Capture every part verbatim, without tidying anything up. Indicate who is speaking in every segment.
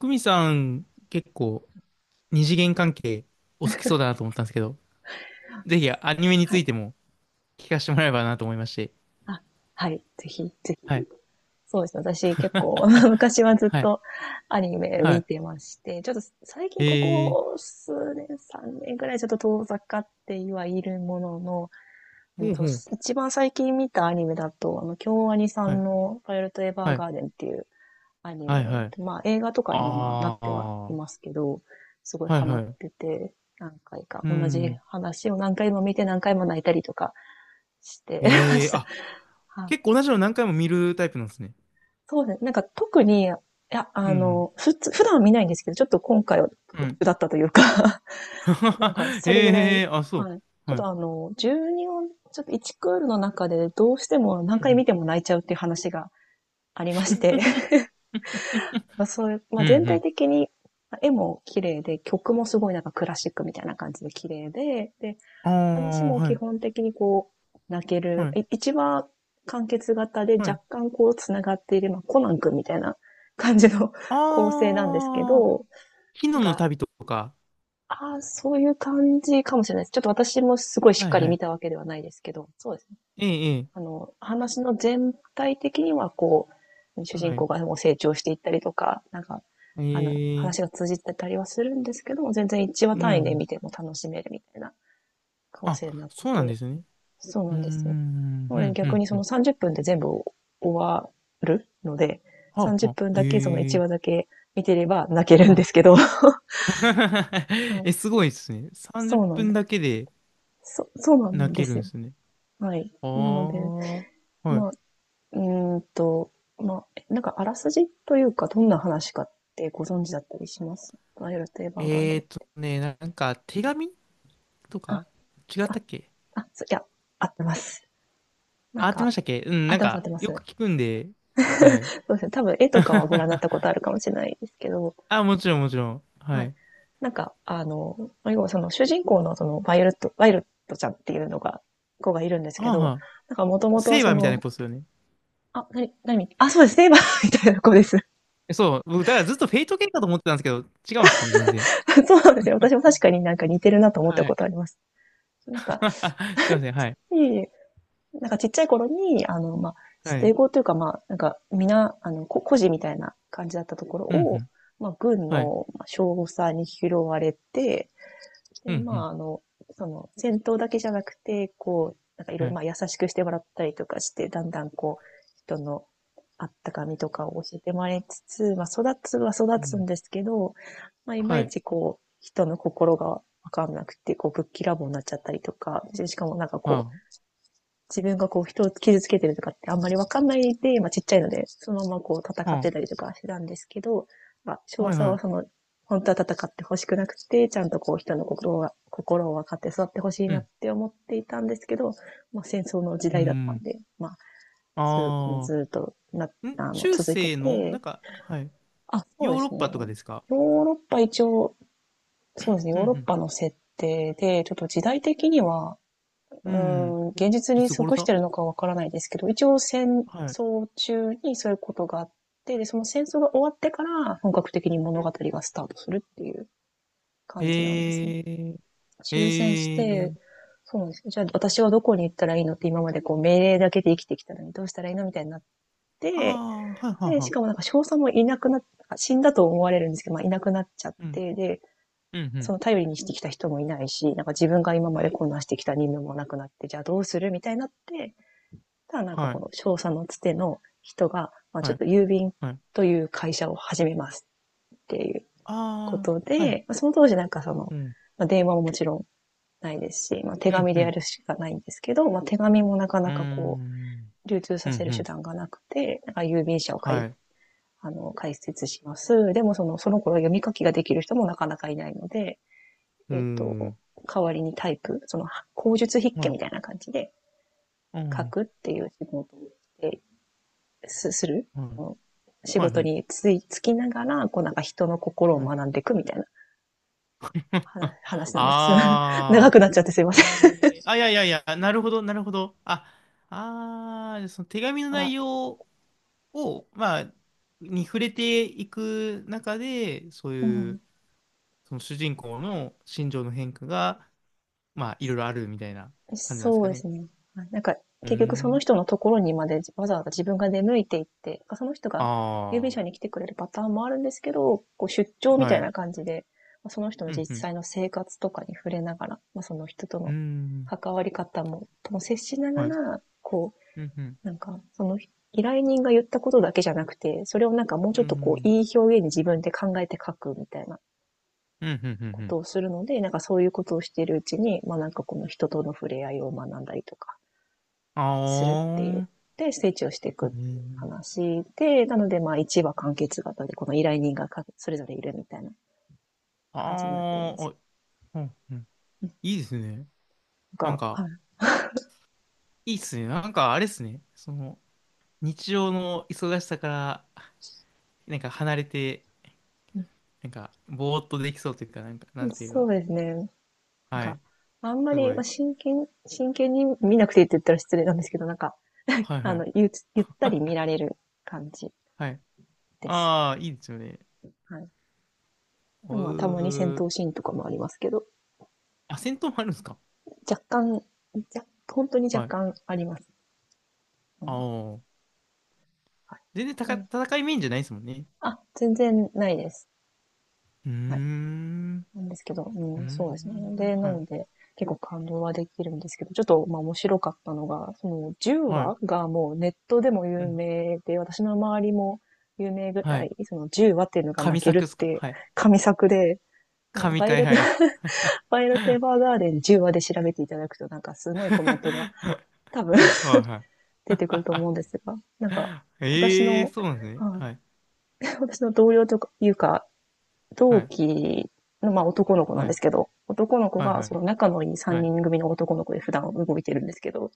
Speaker 1: 久美さん、結構二次元関係お好きそうだなと思ったんですけど、ぜひアニメに
Speaker 2: は
Speaker 1: つ
Speaker 2: い。
Speaker 1: いても聞かせてもらえればなと思いまして。
Speaker 2: あ、はい。ぜひ、ぜひ。
Speaker 1: はい。
Speaker 2: そうですね。私結構 昔はずっ
Speaker 1: はい。
Speaker 2: とアニメ見
Speaker 1: は
Speaker 2: てまして、ちょっと最
Speaker 1: い。
Speaker 2: 近こ
Speaker 1: え
Speaker 2: こ
Speaker 1: ー、
Speaker 2: 数年、さんねんくらいちょっと遠ざかってはいるものの、う
Speaker 1: ほ
Speaker 2: ん
Speaker 1: うほ
Speaker 2: と、
Speaker 1: う。
Speaker 2: 一番最近見たアニメだと、あの、京アニさ
Speaker 1: は
Speaker 2: ん
Speaker 1: い。
Speaker 2: のパイロットエヴァー
Speaker 1: はい。
Speaker 2: ガーデンっていうアニ
Speaker 1: はい
Speaker 2: メ、
Speaker 1: はい。
Speaker 2: まあ映画とかにもまあなっ
Speaker 1: ああ。
Speaker 2: てはい
Speaker 1: は
Speaker 2: ますけど、すごい
Speaker 1: い
Speaker 2: ハマ
Speaker 1: は
Speaker 2: っ
Speaker 1: い。
Speaker 2: てて、何回か
Speaker 1: う
Speaker 2: 同じ
Speaker 1: ん。
Speaker 2: 話を何回も見て何回も泣いたりとかしてま
Speaker 1: え
Speaker 2: し
Speaker 1: えー、
Speaker 2: た。
Speaker 1: あ、
Speaker 2: はい、
Speaker 1: 結構同じの何回も見るタイプなんですね。
Speaker 2: そうですね。なんか特に、いや、
Speaker 1: う
Speaker 2: あ
Speaker 1: ん。
Speaker 2: の、ふつ、普段は見ないんですけど、ちょっと今回は
Speaker 1: う
Speaker 2: 特
Speaker 1: ん。
Speaker 2: 殊だったというか なんか それぐら
Speaker 1: え
Speaker 2: い、
Speaker 1: えー、あ、そ
Speaker 2: はい。
Speaker 1: う。
Speaker 2: ちょっ
Speaker 1: は
Speaker 2: と
Speaker 1: い。
Speaker 2: あの、じゅうに音、ちょっといちクールの中でどうしても
Speaker 1: うん
Speaker 2: 何
Speaker 1: う
Speaker 2: 回見
Speaker 1: ん。
Speaker 2: ても泣いちゃうっていう話がありまして、まあそういう、ま
Speaker 1: う
Speaker 2: あ
Speaker 1: んう
Speaker 2: 全体
Speaker 1: ん。
Speaker 2: 的に絵も綺麗で、曲もすごいなんかクラシックみたいな感じで綺麗で、で、
Speaker 1: あ
Speaker 2: 話
Speaker 1: あ、
Speaker 2: も
Speaker 1: は
Speaker 2: 基
Speaker 1: い。
Speaker 2: 本的にこう、泣け
Speaker 1: は
Speaker 2: る。
Speaker 1: い。
Speaker 2: い一話完結型で
Speaker 1: はい。
Speaker 2: 若干こう繋がっている、まあ、コナン君みたいな感じの 構成なんですけ
Speaker 1: ああ、
Speaker 2: ど、
Speaker 1: 昨
Speaker 2: なん
Speaker 1: 日の
Speaker 2: か、
Speaker 1: 旅とか。
Speaker 2: ああ、そういう感じかもしれないです。ちょっと私もすごいしっ
Speaker 1: はい
Speaker 2: かり
Speaker 1: は
Speaker 2: 見
Speaker 1: い。
Speaker 2: たわけではないですけど、そうですね。
Speaker 1: ええ、ええ、
Speaker 2: あの、話の全体的にはこう、主人
Speaker 1: は
Speaker 2: 公
Speaker 1: い。
Speaker 2: がもう成長していったりとか、なんか、
Speaker 1: え
Speaker 2: あの、
Speaker 1: え、
Speaker 2: 話が通じてたりはするんですけども、全然一話
Speaker 1: う
Speaker 2: 単位で
Speaker 1: ん。
Speaker 2: 見ても楽しめるみたいな構
Speaker 1: あ、
Speaker 2: 成になって
Speaker 1: そうなんで
Speaker 2: て、
Speaker 1: すね。
Speaker 2: そう
Speaker 1: う
Speaker 2: な
Speaker 1: ー
Speaker 2: んですよね。
Speaker 1: ん、
Speaker 2: もう
Speaker 1: う
Speaker 2: ね、
Speaker 1: ん、う
Speaker 2: 逆
Speaker 1: ん、
Speaker 2: にそ
Speaker 1: う
Speaker 2: の
Speaker 1: ん。
Speaker 2: さんじゅっぷんで全部終わるので、
Speaker 1: はあ、
Speaker 2: 30
Speaker 1: は
Speaker 2: 分
Speaker 1: あ、
Speaker 2: だけその
Speaker 1: え
Speaker 2: 1
Speaker 1: え、
Speaker 2: 話だけ見てれば泣けるんで
Speaker 1: は
Speaker 2: すけど、は
Speaker 1: い。
Speaker 2: い。
Speaker 1: え、すごいですね。30
Speaker 2: そうなん
Speaker 1: 分
Speaker 2: で
Speaker 1: だけで
Speaker 2: す。そ、そうな
Speaker 1: 泣
Speaker 2: んで
Speaker 1: ける
Speaker 2: す
Speaker 1: んで
Speaker 2: よ。
Speaker 1: すね。
Speaker 2: はい。
Speaker 1: あ
Speaker 2: なので、
Speaker 1: あ、はい。
Speaker 2: まあ、うーんと、まあ、なんかあらすじというか、どんな話かってご存知だったりします、バイオレット・エヴァーガーデ
Speaker 1: えーと
Speaker 2: ン？
Speaker 1: ね、なんか手紙と
Speaker 2: あ、
Speaker 1: か違った
Speaker 2: あ、
Speaker 1: っけ。
Speaker 2: あ、そいや、合ってます。な
Speaker 1: あ、
Speaker 2: ん
Speaker 1: 合って
Speaker 2: か、
Speaker 1: ましたっけ。うん、
Speaker 2: 合っ
Speaker 1: なん
Speaker 2: てます合っ
Speaker 1: か
Speaker 2: てま
Speaker 1: よ
Speaker 2: す。
Speaker 1: く聞くんで、はい。
Speaker 2: そうですね。多分絵とかはご覧になったことある かもしれないですけど、
Speaker 1: あ、もちろん、もちろん。は
Speaker 2: はい。
Speaker 1: い。
Speaker 2: なんか、あの、ま要はその主人公のそのバイオレットバイオレットちゃんっていうのが、子がいるんです
Speaker 1: あ
Speaker 2: け
Speaker 1: あ、
Speaker 2: ど、
Speaker 1: は
Speaker 2: なんかもと
Speaker 1: あ、
Speaker 2: もと
Speaker 1: セイ
Speaker 2: そ
Speaker 1: バーみたいな
Speaker 2: の、
Speaker 1: 子ですよね。
Speaker 2: あ、なになにあ、そうです、セイバー みたいな子です。
Speaker 1: えそう、僕、だからずっとフェイト系かと思ってたんですけど、違うんですね、全然。
Speaker 2: そうなんですよ。私も確かになんか似てるなと思った
Speaker 1: は
Speaker 2: こ
Speaker 1: い。
Speaker 2: とあります。なんか、
Speaker 1: すいません、はい。
Speaker 2: いえいえ、なんかちっちゃい頃に、あの、まあ、捨
Speaker 1: は
Speaker 2: て
Speaker 1: い。
Speaker 2: 子というか、まあ、なんか、皆、あの、こ孤児みたいな感じだったところ
Speaker 1: うん、う
Speaker 2: を、
Speaker 1: ん。
Speaker 2: まあ、軍
Speaker 1: はい。
Speaker 2: の、ま、少佐に拾われて
Speaker 1: う
Speaker 2: で、
Speaker 1: ん、う
Speaker 2: ま
Speaker 1: ん。
Speaker 2: あ、あの、その、戦闘だけじゃなくて、こう、なんかいろい
Speaker 1: は
Speaker 2: ろ、
Speaker 1: い。
Speaker 2: まあ、優しくしてもらったりとかして、だんだんこう、人のあったかみとかを教えてもらいつつ、まあ、育つは育
Speaker 1: う
Speaker 2: つ
Speaker 1: ん。
Speaker 2: んですけど、まあ、いま
Speaker 1: は
Speaker 2: い
Speaker 1: い。
Speaker 2: ちこう、人の心がわかんなくて、こう、ぶっきらぼうになっちゃったりとか、でしかもなんかこ
Speaker 1: あ
Speaker 2: 自分がこう人を傷つけてるとかってあんまりわかんないで、まあちっちゃいので、そのままこう戦
Speaker 1: あ、
Speaker 2: って
Speaker 1: は
Speaker 2: たりとかしてたんですけど、まあ、
Speaker 1: あ、
Speaker 2: 少
Speaker 1: はい、
Speaker 2: 佐
Speaker 1: は
Speaker 2: はそ
Speaker 1: い。
Speaker 2: の、本当は戦ってほしくなくて、ちゃんとこう人の心を心を分かって育ってほしい
Speaker 1: う
Speaker 2: なっ
Speaker 1: ん。
Speaker 2: て思っていたんですけど、まあ戦争の時
Speaker 1: う
Speaker 2: 代だったん
Speaker 1: ん。
Speaker 2: で、まあ、それ
Speaker 1: あ
Speaker 2: ずっとな、
Speaker 1: あ。ん、
Speaker 2: あの、
Speaker 1: 中
Speaker 2: 続いて
Speaker 1: 世の、な
Speaker 2: て、
Speaker 1: んか、はい。
Speaker 2: あ、そう
Speaker 1: ヨ
Speaker 2: で
Speaker 1: ーロッ
Speaker 2: すね。
Speaker 1: パとかですか？
Speaker 2: ヨーロッパ一応、そうですね、
Speaker 1: う
Speaker 2: ヨーロッ
Speaker 1: ん、
Speaker 2: パの設定で、ちょっと時代的には、う
Speaker 1: うん。
Speaker 2: ー
Speaker 1: うん。
Speaker 2: ん、現実
Speaker 1: い
Speaker 2: に
Speaker 1: つ頃
Speaker 2: 即し
Speaker 1: だ。
Speaker 2: てるのかわからないですけど、一応戦
Speaker 1: はい。
Speaker 2: 争中にそういうことがあって、で、その戦争が終わってから本格的に物語がスタートするっていう感じなんですね。
Speaker 1: へえ、
Speaker 2: 終戦し
Speaker 1: へ
Speaker 2: て、
Speaker 1: え。
Speaker 2: そうなんです。じゃあ私はどこに行ったらいいのって、今までこう命令だけで生きてきたのに、どうしたらいいのみたいになって、
Speaker 1: ああ、はい、はい、
Speaker 2: で、し
Speaker 1: は
Speaker 2: かもなんか少佐もいなくなっ、死んだと思われるんですけど、まあいなくなっちゃっ
Speaker 1: い。うん、
Speaker 2: て、で、
Speaker 1: うん、う
Speaker 2: そ
Speaker 1: ん。
Speaker 2: の頼りにしてきた人もいないし、なんか自分が今
Speaker 1: う
Speaker 2: まで
Speaker 1: ん、
Speaker 2: こんなしてきた任務もなくなって、じゃあどうするみたいになって、ただなんか
Speaker 1: は
Speaker 2: こ
Speaker 1: い、
Speaker 2: の商社のつての人が、まあち
Speaker 1: は
Speaker 2: ょっ
Speaker 1: い、
Speaker 2: と郵便
Speaker 1: はい。
Speaker 2: という会社を始めますっていうこ
Speaker 1: あ
Speaker 2: と
Speaker 1: あ、はい。
Speaker 2: で、まあその当時なんかその、
Speaker 1: うん。
Speaker 2: まあ電話ももちろんないですし、まあ手
Speaker 1: うん、
Speaker 2: 紙
Speaker 1: う
Speaker 2: でや
Speaker 1: ん。
Speaker 2: るしかないんですけど、まあ手紙もなか
Speaker 1: う
Speaker 2: な
Speaker 1: ー
Speaker 2: かこ
Speaker 1: ん。
Speaker 2: う、流通さ
Speaker 1: うん、
Speaker 2: せる
Speaker 1: う
Speaker 2: 手
Speaker 1: ん。
Speaker 2: 段がなくて、なんか郵便社を
Speaker 1: は
Speaker 2: 開、
Speaker 1: い。
Speaker 2: あの、開設します。でもその、その頃読み書きができる人もなかなかいないので、
Speaker 1: うー
Speaker 2: えっ、と、
Speaker 1: ん。
Speaker 2: 代わりにタイプ、その、口述筆
Speaker 1: は
Speaker 2: 記
Speaker 1: い。
Speaker 2: みたいな感じで
Speaker 1: う
Speaker 2: 書
Speaker 1: ん。
Speaker 2: くっていう仕事をしてすする
Speaker 1: は
Speaker 2: そ
Speaker 1: い。
Speaker 2: の仕
Speaker 1: はい、
Speaker 2: 事
Speaker 1: はい。
Speaker 2: についつきながら、こうなんか人の心を
Speaker 1: はい。
Speaker 2: 学んでいくみたいな話
Speaker 1: あ
Speaker 2: 話なんです。長
Speaker 1: あ。
Speaker 2: くなっちゃってすいま
Speaker 1: え
Speaker 2: せん。
Speaker 1: ー、あ、いやいやいや、なるほど、なるほど。あ、ああ、その手紙の
Speaker 2: あ
Speaker 1: 内
Speaker 2: ら、
Speaker 1: 容を、まあ、に触れていく中で、そう
Speaker 2: う
Speaker 1: い
Speaker 2: ん、
Speaker 1: う、その主人公の心情の変化が、まあ、いろいろあるみたいな感じなんです
Speaker 2: そう
Speaker 1: か
Speaker 2: で
Speaker 1: ね。
Speaker 2: すね。なんか
Speaker 1: うー
Speaker 2: 結局その
Speaker 1: ん。
Speaker 2: 人のところにまでわざわざ自分が出向いていって、その人が郵便
Speaker 1: あ
Speaker 2: 車に来てくれるパターンもあるんですけど、こう出
Speaker 1: あ。
Speaker 2: 張みた
Speaker 1: は
Speaker 2: い
Speaker 1: い。
Speaker 2: な感じで、その人の
Speaker 1: う
Speaker 2: 実
Speaker 1: んうん。
Speaker 2: 際の生活とかに触れながら、まあ、その人と
Speaker 1: うー
Speaker 2: の
Speaker 1: ん。
Speaker 2: 関わり方も、とも接しなが
Speaker 1: はい。
Speaker 2: ら、こ
Speaker 1: うんうん。
Speaker 2: なんか、その依頼人が言ったことだけじゃなくて、それをなんかもう
Speaker 1: う
Speaker 2: ち
Speaker 1: ー
Speaker 2: ょっとこう、
Speaker 1: ん。
Speaker 2: いい表現に自分で考えて書くみたいな
Speaker 1: うんうんうんう
Speaker 2: こ
Speaker 1: ん。
Speaker 2: とをするので、なんかそういうことをしているうちに、まあなんかこの人との触れ合いを学んだりとか
Speaker 1: あ
Speaker 2: するっていう。
Speaker 1: ー。
Speaker 2: で、成長してい
Speaker 1: う
Speaker 2: くっていう
Speaker 1: ん。
Speaker 2: 話で、なのでまあいちわ完結型で、この依頼人がそれぞれいるみたいな感じになってるん
Speaker 1: あ
Speaker 2: で
Speaker 1: ー。
Speaker 2: すよ。
Speaker 1: あ、うんうん。いいですね。なん
Speaker 2: が、
Speaker 1: か、
Speaker 2: はい、
Speaker 1: いいっすね。なんか、あれっすね。その、日常の忙しさから、なんか離れて、なんか、ぼーっとできそうというか、なんか、なんていう
Speaker 2: そ
Speaker 1: か。
Speaker 2: うですね。
Speaker 1: は
Speaker 2: が、
Speaker 1: い。
Speaker 2: あんま
Speaker 1: す
Speaker 2: り、
Speaker 1: ご
Speaker 2: まあ、
Speaker 1: い。
Speaker 2: 真剣、真剣に見なくていいって言ったら失礼なんですけど、なんか、
Speaker 1: はい
Speaker 2: あ
Speaker 1: は
Speaker 2: の、
Speaker 1: い。
Speaker 2: ゆゆったり見
Speaker 1: あ、
Speaker 2: られる感じ
Speaker 1: はい。
Speaker 2: です。
Speaker 1: あー、いいですよね。
Speaker 2: はい。
Speaker 1: う
Speaker 2: まあ、たまに戦闘
Speaker 1: ー。
Speaker 2: シーンとかもありますけど、
Speaker 1: あ、戦闘もあるんですか？
Speaker 2: 若干、じゃ本当に
Speaker 1: は
Speaker 2: 若
Speaker 1: い。
Speaker 2: 干あります。う
Speaker 1: あ
Speaker 2: ん。
Speaker 1: ー。
Speaker 2: はい。
Speaker 1: 全然た
Speaker 2: う
Speaker 1: か
Speaker 2: ん。
Speaker 1: 戦いメインじゃないですもんね。
Speaker 2: あ、全然ないです。
Speaker 1: うー
Speaker 2: はい。
Speaker 1: ん。
Speaker 2: なんですけど、
Speaker 1: うー
Speaker 2: うん、そうですね。
Speaker 1: ん。
Speaker 2: で、な
Speaker 1: は
Speaker 2: の
Speaker 1: い。
Speaker 2: で、結構感動はできるんですけど、ちょっと、まあ、面白かったのが、その、10
Speaker 1: は
Speaker 2: 話
Speaker 1: い。
Speaker 2: がもうネットでも
Speaker 1: う
Speaker 2: 有
Speaker 1: ん。
Speaker 2: 名で、私の周りも有名ぐ
Speaker 1: は
Speaker 2: らい、
Speaker 1: い。
Speaker 2: そのじゅうわっわっていうのが泣
Speaker 1: 神
Speaker 2: け
Speaker 1: 作
Speaker 2: る
Speaker 1: っ
Speaker 2: っ
Speaker 1: すか？
Speaker 2: て
Speaker 1: はい。
Speaker 2: 神作で、
Speaker 1: 神
Speaker 2: バイオ
Speaker 1: 回、
Speaker 2: レット
Speaker 1: はい。
Speaker 2: パイルテー
Speaker 1: は
Speaker 2: バーガーデンじゅうわで調べていただくとなんかすごいコメントが多分
Speaker 1: い は
Speaker 2: 出てくると思うんですが、な
Speaker 1: い。
Speaker 2: んか 私
Speaker 1: ええ
Speaker 2: の、
Speaker 1: ー、そうなんですね。
Speaker 2: あ
Speaker 1: はい。
Speaker 2: 私の同僚とかいうか、
Speaker 1: は
Speaker 2: 同
Speaker 1: い。
Speaker 2: 期の、まあ、男の子な
Speaker 1: は
Speaker 2: んで
Speaker 1: い。
Speaker 2: すけど、男の子
Speaker 1: はい。
Speaker 2: が、
Speaker 1: はい。
Speaker 2: その仲のいい
Speaker 1: は
Speaker 2: 3
Speaker 1: い。
Speaker 2: 人組の男の子で普段動いてるんですけど、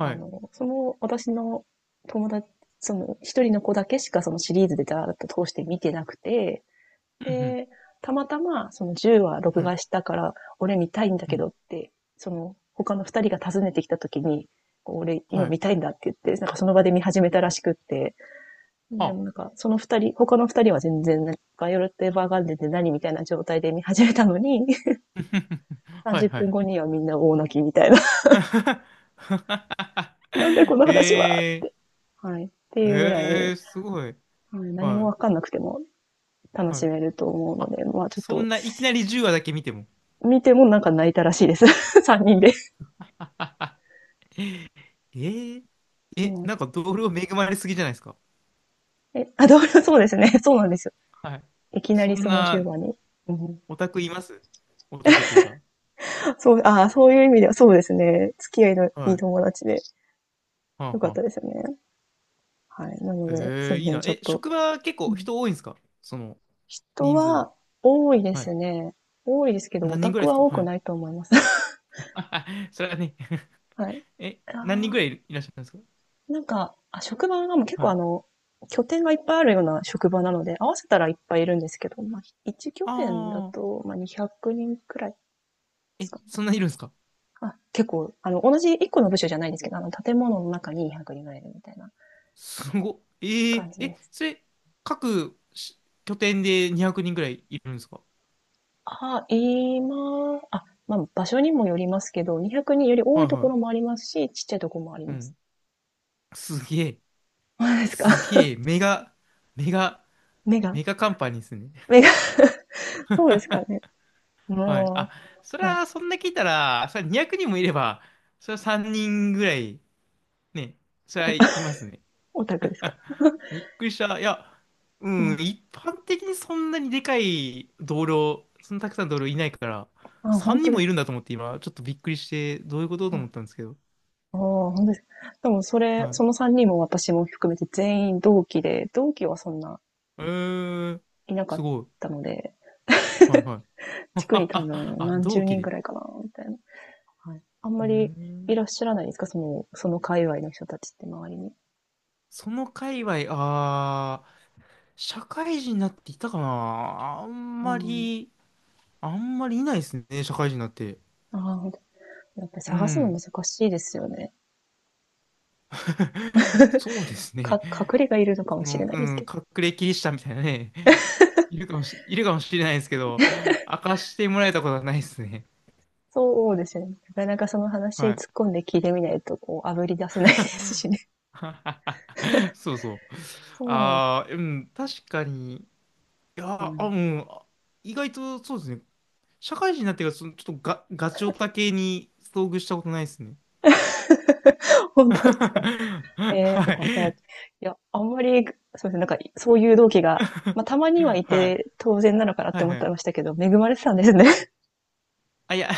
Speaker 2: あ
Speaker 1: い。
Speaker 2: の、その私の友達、その一人の子だけしかそのシリーズでだーっと通して見てなくて、
Speaker 1: うん。
Speaker 2: で、たまたま、そのじゅうわ
Speaker 1: う
Speaker 2: 録
Speaker 1: ん、はい。
Speaker 2: 画したから、俺見たいんだ
Speaker 1: う
Speaker 2: け
Speaker 1: ん。
Speaker 2: どって、その、他のふたりが訪ねてきた時に、俺今
Speaker 1: はい。
Speaker 2: 見たいんだって言って、なんかその場で見始めたらしくって、で
Speaker 1: あ。
Speaker 2: もなんかそのふたり、他のふたりは全然、なんかバイオレット・エヴァーガンデンで何みたいな状態で見始めたのに、
Speaker 1: は
Speaker 2: 30
Speaker 1: い。は
Speaker 2: 分
Speaker 1: い。
Speaker 2: 後にはみんな大泣きみたいな、なんだこの話はっ
Speaker 1: え
Speaker 2: て。はい。って
Speaker 1: ー、
Speaker 2: いうぐらい、
Speaker 1: えー、すごい。
Speaker 2: はい、何も
Speaker 1: は
Speaker 2: わかんなくても楽
Speaker 1: い。は
Speaker 2: し
Speaker 1: い。
Speaker 2: めると思う
Speaker 1: あ、
Speaker 2: ので、まあちょっ
Speaker 1: そ
Speaker 2: と、
Speaker 1: んないきなりじゅうわだけ見ても。
Speaker 2: 見てもなんか泣いたらしいです。さんにんで。
Speaker 1: えー、
Speaker 2: う
Speaker 1: え、
Speaker 2: ん。
Speaker 1: なんか同僚恵まれすぎじゃないですか。
Speaker 2: え、あ、同僚、そうですね。そうなんですよ。
Speaker 1: はい。
Speaker 2: いきな
Speaker 1: そ
Speaker 2: り
Speaker 1: ん
Speaker 2: その10
Speaker 1: な
Speaker 2: 番に。うん、
Speaker 1: オタクいます？オタクというか。
Speaker 2: そう、ああ、そういう意味では、そうですね。付き合いのい
Speaker 1: は
Speaker 2: い
Speaker 1: い。
Speaker 2: 友達で、
Speaker 1: は
Speaker 2: よ
Speaker 1: あ
Speaker 2: かっ
Speaker 1: は
Speaker 2: たで
Speaker 1: あ。
Speaker 2: すよね。はい。な
Speaker 1: え
Speaker 2: ので、す
Speaker 1: ー、
Speaker 2: いま
Speaker 1: いい
Speaker 2: せん、
Speaker 1: な。
Speaker 2: ちょっ
Speaker 1: え、
Speaker 2: と。
Speaker 1: 職場結
Speaker 2: う
Speaker 1: 構
Speaker 2: ん、
Speaker 1: 人多いんですか？その
Speaker 2: 人
Speaker 1: 人数が。
Speaker 2: は多いで
Speaker 1: はい。
Speaker 2: すね。多いですけど、オ
Speaker 1: 何
Speaker 2: タ
Speaker 1: 人ぐら
Speaker 2: ク
Speaker 1: いです
Speaker 2: は
Speaker 1: か？
Speaker 2: 多
Speaker 1: は
Speaker 2: く
Speaker 1: い。
Speaker 2: ないと思います。
Speaker 1: それはね。
Speaker 2: はい。
Speaker 1: え、何人ぐ
Speaker 2: あ
Speaker 1: ら
Speaker 2: ー
Speaker 1: いいらっしゃるんですか？
Speaker 2: なんか、あ、職場がもう結
Speaker 1: は
Speaker 2: 構あ
Speaker 1: い。
Speaker 2: の、拠点がいっぱいあるような職場なので、合わせたらいっぱいいるんですけど、まあ、
Speaker 1: あ
Speaker 2: いちきょてん拠点だ
Speaker 1: あ、
Speaker 2: と、まあ、にひゃくにんくにんくらいで
Speaker 1: え、
Speaker 2: すかね。
Speaker 1: そんないるんですか？
Speaker 2: あ、結構、あの、同じいっこの部署じゃないですけど、あの、建物の中ににひゃくにんぐらいいるみたいな
Speaker 1: すご。えー、
Speaker 2: 感じで
Speaker 1: え、
Speaker 2: す。
Speaker 1: それ、各し拠点でにひゃくにんぐらいいるんですか？
Speaker 2: あ、今、あ、まあ、場所にもよりますけど、にひゃくにんより多
Speaker 1: は
Speaker 2: い
Speaker 1: い
Speaker 2: とこ
Speaker 1: は
Speaker 2: ろもありますし、ちっちゃいところもあり
Speaker 1: い。う
Speaker 2: ます。
Speaker 1: ん。すげえ、
Speaker 2: そうですか。
Speaker 1: す げえ、メガ、メガ、
Speaker 2: 目が、
Speaker 1: メガカンパニーですね。
Speaker 2: 目が、そうですかね。
Speaker 1: はい。あ、
Speaker 2: も
Speaker 1: それ
Speaker 2: う、はい。
Speaker 1: は、そんな聞いたら、それはにひゃくにんもいれば、それはさんにんぐらい、ね、それはいますね。
Speaker 2: オタクですか。
Speaker 1: びっくりした。いや、う
Speaker 2: う
Speaker 1: ん、
Speaker 2: ん。
Speaker 1: 一般的にそんなにでかい同僚、そんなたくさん同僚いないから、
Speaker 2: あ、本
Speaker 1: 3
Speaker 2: 当
Speaker 1: 人
Speaker 2: で
Speaker 1: もい
Speaker 2: す
Speaker 1: る
Speaker 2: か。
Speaker 1: んだと思って今、ちょっとびっくりして、どういうこと
Speaker 2: う
Speaker 1: と思
Speaker 2: ん。
Speaker 1: ったんですけど。
Speaker 2: ああ、本当ですか。でも、それ、そ
Speaker 1: は
Speaker 2: のさんにんも私も含めて全員同期で、同期はそんな
Speaker 1: い。えー、
Speaker 2: いなか
Speaker 1: す
Speaker 2: っ
Speaker 1: ごい。
Speaker 2: たので、
Speaker 1: はいはい。
Speaker 2: 地区に多 分
Speaker 1: あ、
Speaker 2: 何
Speaker 1: 同
Speaker 2: 十
Speaker 1: 期
Speaker 2: 人
Speaker 1: で。
Speaker 2: ぐらいかな、みたいな。はい。あん
Speaker 1: う
Speaker 2: ま
Speaker 1: ー
Speaker 2: りいら
Speaker 1: ん。
Speaker 2: っしゃらないですか？そのその界隈の人たちって周りに。
Speaker 1: その界隈、ああ、社会人になっていたかな。あん
Speaker 2: う
Speaker 1: ま
Speaker 2: ん。
Speaker 1: り、あんまりいないですね、社会人になって。
Speaker 2: ああ、ほんと、やっぱり
Speaker 1: う
Speaker 2: 探すの
Speaker 1: ん。
Speaker 2: 難しいですよね。
Speaker 1: そうですね。
Speaker 2: か隠れがいるのかも
Speaker 1: そ
Speaker 2: しれ
Speaker 1: の、
Speaker 2: な
Speaker 1: う
Speaker 2: いです
Speaker 1: ん、
Speaker 2: けど。
Speaker 1: 隠れキリシタンみたいなね、いるかもし、いるかもしれないですけど、明かしてもらえたことはないですね。
Speaker 2: そうですよね。なかなかその話
Speaker 1: はい。
Speaker 2: 突っ込んで聞いてみないと、こう、炙り出せないですしね。
Speaker 1: そうそう。
Speaker 2: そうなんです。
Speaker 1: ああ、うん、確かに。い
Speaker 2: う
Speaker 1: や、あ、
Speaker 2: ん。
Speaker 1: うん、あ、意外とそうですね。社会人になってから、そのちょっとガ、ガチオタ系に遭遇したことないですね。
Speaker 2: 本当ですか。え え、そっ
Speaker 1: は
Speaker 2: か。じゃあ、い
Speaker 1: い。
Speaker 2: や、あんまり、そうですね、なんか、いそういう同期が、まあ、たまにはい
Speaker 1: はい。
Speaker 2: て当然なのかなっ
Speaker 1: は
Speaker 2: て
Speaker 1: い
Speaker 2: 思っ
Speaker 1: は
Speaker 2: て
Speaker 1: い。
Speaker 2: ましたけど、恵まれてたんですね。
Speaker 1: あ、いや、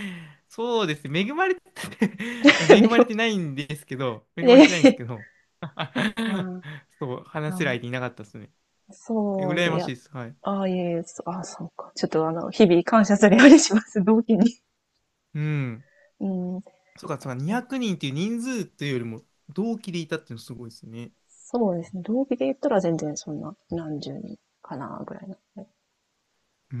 Speaker 1: そうですね。恵まれて、いや、恵
Speaker 2: め
Speaker 1: ま
Speaker 2: ぐ
Speaker 1: れてないんですけど、恵
Speaker 2: いや
Speaker 1: ま
Speaker 2: い
Speaker 1: れ
Speaker 2: や、
Speaker 1: てないんですけど、
Speaker 2: ああ、
Speaker 1: そう、
Speaker 2: な
Speaker 1: 話
Speaker 2: る
Speaker 1: せる
Speaker 2: ほど。
Speaker 1: 相手いなかったですね。え
Speaker 2: そうです
Speaker 1: 羨
Speaker 2: ね。い
Speaker 1: ま
Speaker 2: や、
Speaker 1: しいです。はい。
Speaker 2: ああ、いえいえ、そああ、そうか。ちょっとあの、日々感謝するようにします、同期に。
Speaker 1: うん。
Speaker 2: うん。
Speaker 1: そうか、そうか、にひゃくにんっていう人数というよりも、同期でいたっていうのすごいですね。
Speaker 2: そうですね。同期で言ったら全然そんな、何十人かな、ぐらいの。え
Speaker 1: うーん。う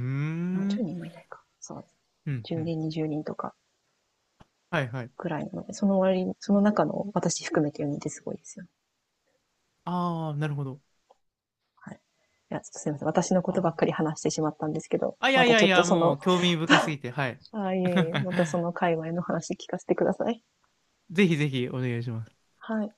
Speaker 2: 何十
Speaker 1: ん、
Speaker 2: 人もいないか。そう。
Speaker 1: うん、う
Speaker 2: 10
Speaker 1: ん、
Speaker 2: 人、にじゅうにんとか、
Speaker 1: はいはい。
Speaker 2: ぐらいなので、その割に、その中の私含めてよにんってすごいですよ。
Speaker 1: ああ、なるほど。
Speaker 2: はい。いや、ちょっとすいません。私のこ
Speaker 1: あ
Speaker 2: とばっ
Speaker 1: ー、
Speaker 2: かり話してしまったんですけど、
Speaker 1: あ、い
Speaker 2: ま
Speaker 1: やい
Speaker 2: た
Speaker 1: や
Speaker 2: ちょ
Speaker 1: い
Speaker 2: っと
Speaker 1: や、
Speaker 2: そ
Speaker 1: も
Speaker 2: の、
Speaker 1: う興味深す ぎて、はい。
Speaker 2: ああ、いえいえ、またそ の界隈の話聞かせてください。
Speaker 1: ぜひぜひお願いします。
Speaker 2: はい。